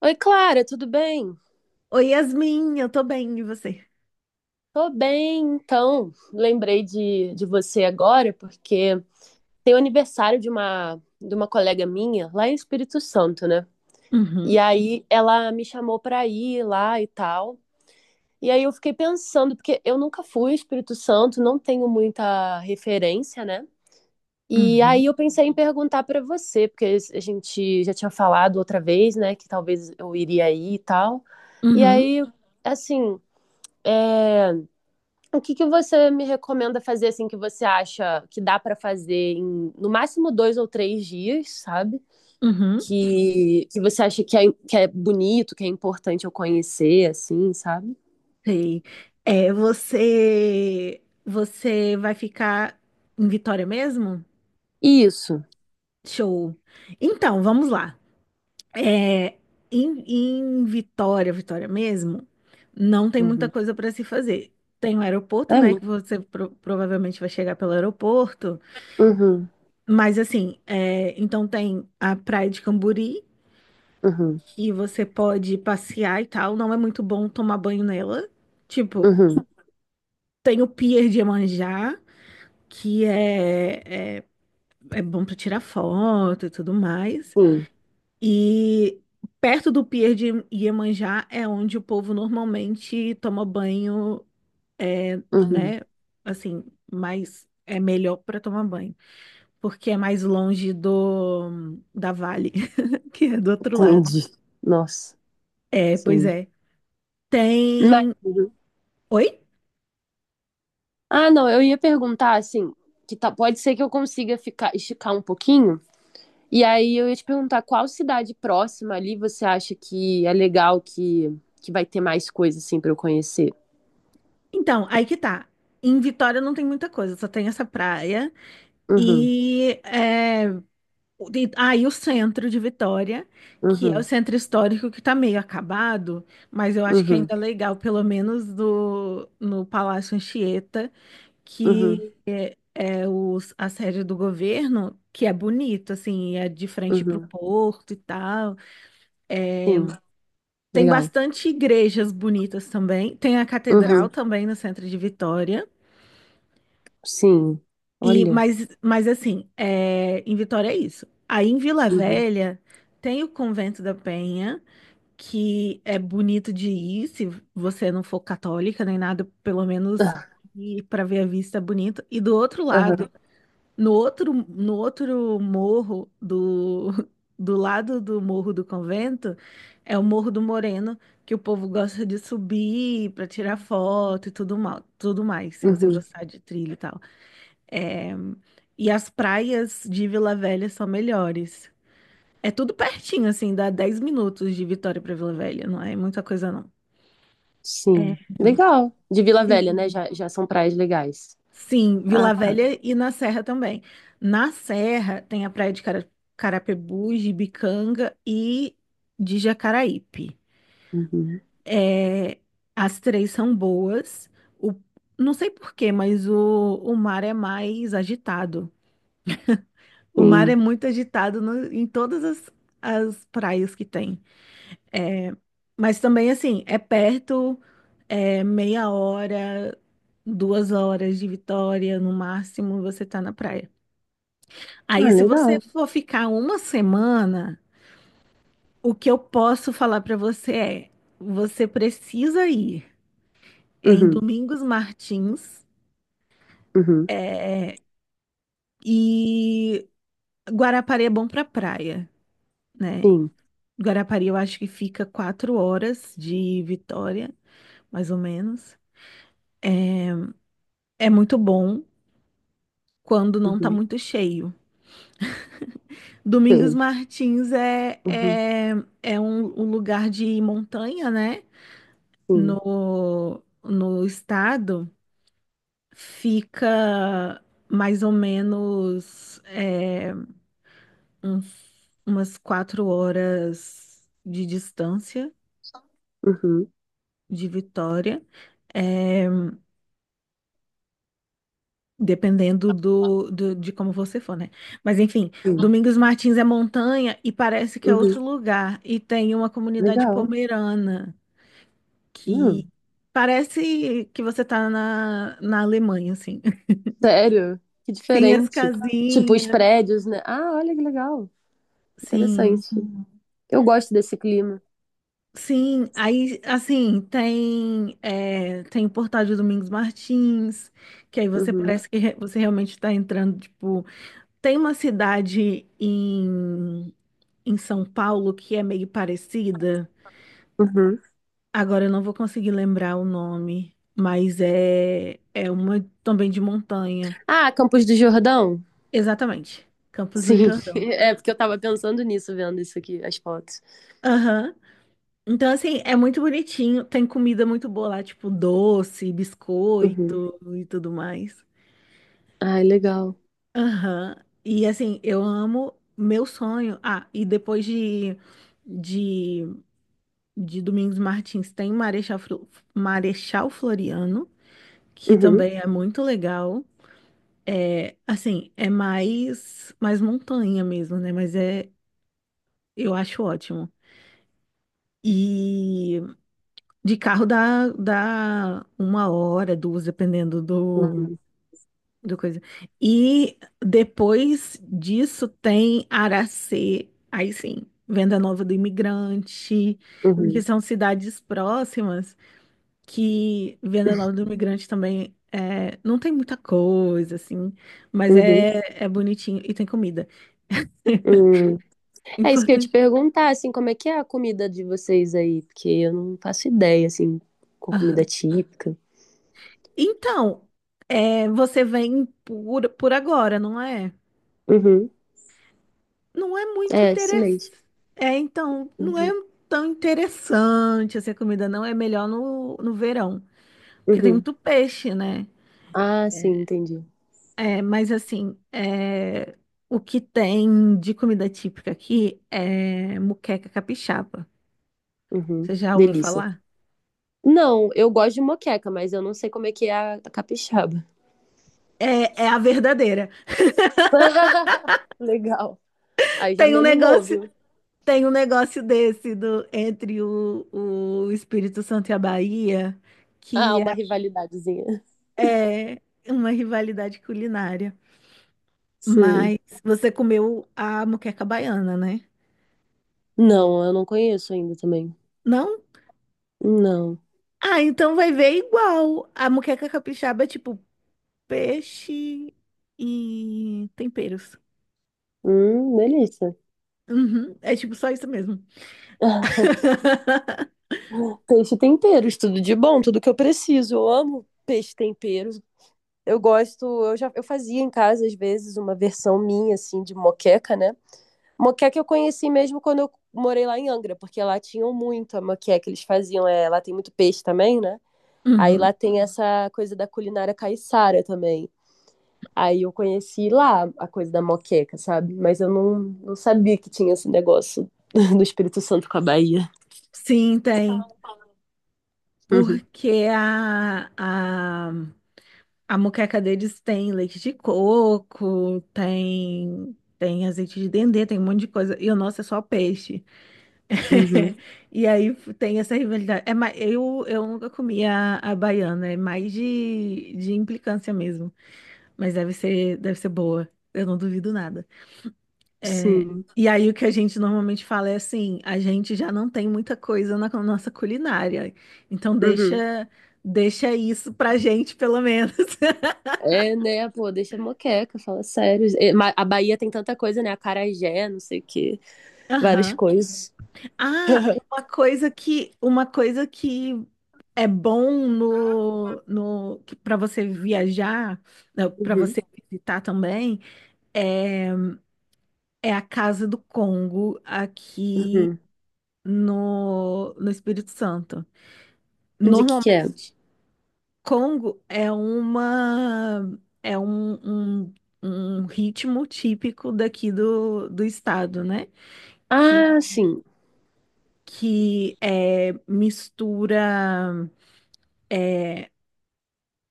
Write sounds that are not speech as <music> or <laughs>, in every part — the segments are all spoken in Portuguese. Oi, Clara, tudo bem? Oi, Yasmin, eu tô bem, e você? Tô bem, então. Lembrei de você agora porque tem o aniversário de uma colega minha lá em Espírito Santo, né? E Uhum, aí ela me chamou pra ir lá e tal. E aí eu fiquei pensando, porque eu nunca fui ao Espírito Santo, não tenho muita referência, né? E uhum, aí eu pensei em perguntar pra você, porque a gente já tinha falado outra vez, né, que talvez eu iria aí e tal. E uhum, aí, assim, é. O que que você me recomenda fazer, assim, que você acha que dá pra fazer em, no máximo, dois ou três dias, sabe? uhum. Que você acha que é bonito, que é importante eu conhecer, assim, sabe? Sei. É, você vai ficar em Vitória mesmo? Isso. Show. Então, vamos lá. É, em Vitória, Vitória mesmo, não tem muita Uhum. coisa para se fazer. Tem o aeroporto, É, né, mu- que você provavelmente vai chegar pelo aeroporto, uhum, mas assim, então tem a Praia de Camburi, uhum, que você pode passear e tal. Não é muito bom tomar banho nela. Tipo, uhum, tem o Pier de Iemanjá, que é bom pra tirar foto e tudo mais. sim, E perto do Pier de Iemanjá é onde o povo normalmente toma banho, é, uhum. né? Assim, mas é melhor pra tomar banho, porque é mais longe do da Vale, <laughs> que é do outro lado. Entendi. Nossa, É, pois sim. é. Mas, Tem. uhum. Oi? Ah, não, eu ia perguntar, assim, que tá, pode ser que eu consiga ficar, esticar um pouquinho. E aí eu ia te perguntar qual cidade próxima ali você acha que é legal que vai ter mais coisa assim pra eu conhecer? Então, aí que tá. Em Vitória não tem muita coisa, só tem essa praia Uhum, e, é, e o centro de Vitória, que é o uhum, centro histórico que tá meio acabado, mas eu acho que uhum, ainda é legal, pelo menos no Palácio Anchieta, uhum, que a sede do governo, que é bonito, assim, é de frente para o uhum. porto e tal. Sim, Tem legal. bastante igrejas bonitas também. Tem a catedral Uhum, também no centro de Vitória. sim. E, Olha. mas, mas assim, em Vitória é isso. Aí em Vila Uhum. Velha tem o Convento da Penha, que é bonito de ir, se você não for católica nem nada, pelo menos Ah, ir para ver a vista é bonito. E do outro aham, lado, no outro morro do, <laughs> do lado do morro do convento, é o Morro do Moreno, que o povo gosta de subir para tirar foto e tudo mal, tudo mais, se você uhum, gostar de trilha e tal. É, E as praias de Vila Velha são melhores. É tudo pertinho, assim, dá 10 minutos de Vitória para Vila Velha, não é muita coisa, não. É, sim. Legal. De Vila Velha, né? Sim. Já, já são praias legais. Sim, Ah, Vila tá. Velha e na Serra também. Na Serra tem a praia de Carapicuíba, de Bicanga e de Jacaraípe. Uhum, É, As três são boas. O, não sei por quê, mas o mar é mais agitado. O mar é sim. muito agitado em todas as praias que tem. É, mas também, assim, é perto, é 1/2 hora, 2 horas de Vitória, no máximo, você tá na praia. Ah, Aí, se você legal. for ficar uma semana, o que eu posso falar pra você é: você precisa ir em Uhum, Domingos Martins, uhum, e Guarapari é bom pra praia, né? sim. Guarapari, eu acho que fica 4 horas de Vitória, mais ou menos. É muito bom quando não tá Uhum, muito cheio. Domingos sim. Martins é, Uhum, é, é um lugar de montanha, né? sim. No estado. Fica mais ou menos, uns- umas 4 horas de distância Uhum, de Vitória. É, Dependendo de como você for, né? Mas enfim, sim. Domingos Martins é montanha e parece que é Uhum, outro lugar. E tem uma comunidade legal. pomerana Hum. que parece que você tá na Alemanha, assim. <laughs> Sério? Que Sim, as diferente. Tipo, os casinhas. prédios, né? Ah, olha que legal. Sim, Interessante. Eu gosto desse clima. sim. Aí, assim, tem o portal de Domingos Martins, que aí você Uhum, parece que você realmente está entrando, tipo, tem uma cidade em São Paulo que é meio parecida. uhum. Agora eu não vou conseguir lembrar o nome, mas é uma também de montanha. Ah, Campos do Jordão? Exatamente, Campos do Sim. <laughs> Jordão. É, porque eu tava pensando nisso, vendo isso aqui, as fotos. Aham. Então, assim, é muito bonitinho. Tem comida muito boa lá, tipo doce, Uhum. biscoito e tudo mais. Ai, legal. Aham. E, assim, eu amo meu sonho. Ah, e depois de, de Domingos Martins, tem Marechal Floriano, que Uhum, também é muito legal. Assim, é mais montanha mesmo, né? Mas eu acho ótimo. E de carro dá 1 hora, duas, dependendo do, uhum, do coisa. E depois disso tem Aracê, aí sim, Venda Nova do Imigrante, que uhum, são cidades próximas. Que Venda Nova do Imigrante também é, não tem muita coisa, assim, mas uhum. É, bonitinho e tem comida. <laughs> Hum. É isso que eu ia te Importante. perguntar, assim, como é que é a comida de vocês aí? Porque eu não faço ideia, assim, com comida Aham. típica. Então, você vem por agora, não é? Uhum. Não é muito É, isso mesmo. interessante. Então, não é Uhum, tão interessante assim, a comida, não. É melhor no verão, porque tem uhum. muito peixe, né? Ah, sim, entendi. Mas assim, o que tem de comida típica aqui é moqueca capixaba. Uhum. Você já ouviu Delícia. falar? Não, eu gosto de moqueca, mas eu não sei como é que é a capixaba. É, é a verdadeira. <laughs> Legal. Aí já Tem me um animou, negócio, viu? tem um negócio desse, do entre o Espírito Santo e a Bahia, Ah, que uma rivalidadezinha. é, é uma rivalidade culinária. Sei. Mas você comeu a moqueca baiana, né? Não, eu não conheço ainda também. Não? Não. Ah, então vai ver igual. A moqueca capixaba é tipo peixe e temperos. Delícia. Uhum, é tipo só isso mesmo. <laughs> <laughs> Peixe temperos, tudo de bom, tudo que eu preciso. Eu amo peixe tempero. Eu gosto, eu fazia em casa às vezes uma versão minha assim de moqueca, né? Moqueca eu conheci mesmo quando eu morei lá em Angra, porque lá tinham muito a moqueca eles faziam. É, lá tem muito peixe também, né? Aí Uhum. lá tem essa coisa da culinária caiçara também. Aí eu conheci lá a coisa da moqueca, sabe? Mas eu não sabia que tinha esse negócio <laughs> do Espírito Santo com a Bahia. Sim, tem. Uhum, Porque a moqueca deles tem leite de coco, tem azeite de dendê, tem um monte de coisa. E o nosso é só peixe. uhum, <laughs> E aí tem essa rivalidade. Eu nunca comi a baiana, é mais de implicância mesmo. Mas deve ser boa. Eu não duvido nada. É, sim. e aí o que a gente normalmente fala é assim, a gente já não tem muita coisa nossa culinária, então Uhum. deixa isso pra gente pelo menos. <laughs> É, né, pô, deixa a moqueca, fala sério. A Bahia tem tanta coisa, né? Acarajé, não sei o quê, várias Aham. coisas. Ah, uma <laughs> coisa que uma coisa que é bom no no para você viajar, para Uhum, você visitar também, é a Casa do Congo aqui uhum. no Espírito Santo. De que é? Normalmente Congo é uma é um, um, um ritmo típico daqui do estado, né? Que, Ah, sim. que é, mistura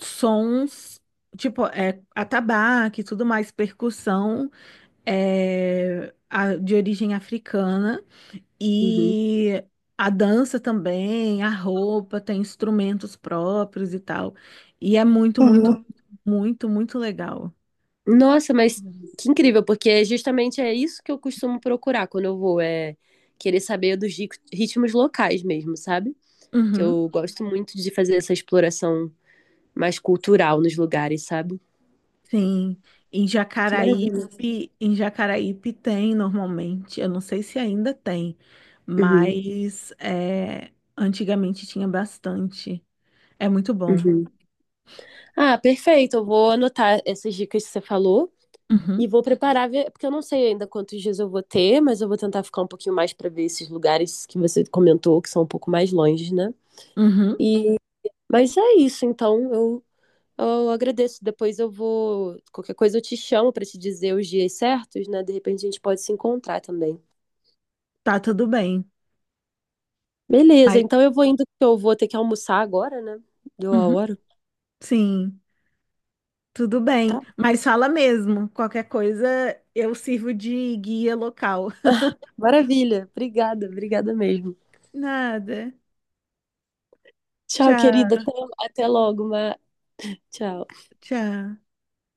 sons, tipo, atabaque e tudo mais, percussão, de origem africana, Uhum. e a dança também, a roupa, tem instrumentos próprios e tal. E é muito, muito, muito, muito legal. Nossa, mas que incrível, porque é justamente isso que eu costumo procurar quando eu vou, é querer saber dos ritmos locais mesmo, sabe? Que Uhum. eu gosto muito de fazer essa exploração mais cultural nos lugares, sabe? Sim, em Que maravilha. Jacaraípe, em Jacaraípe tem normalmente, eu não sei se ainda tem, Uhum, mas antigamente tinha bastante. É muito bom. uhum. Ah, perfeito. Eu vou anotar essas dicas que você falou e Uhum, vou preparar, porque eu não sei ainda quantos dias eu vou ter, mas eu vou tentar ficar um pouquinho mais para ver esses lugares que você comentou, que são um pouco mais longe, né? uhum, Mas é isso, então eu agradeço. Depois eu vou. Qualquer coisa eu te chamo para te dizer os dias certos, né? De repente a gente pode se encontrar também. tá tudo bem. Beleza, Mas, então eu vou indo, porque eu vou ter que almoçar agora, né? Deu a uhum, hora. sim, tudo bem. Tá. Mas fala mesmo, qualquer coisa eu sirvo de guia local. <laughs> Maravilha. Obrigada, obrigada mesmo. Nada. Tchau, querida. Tchau, Até, até logo, Ma. Tchau. tchau.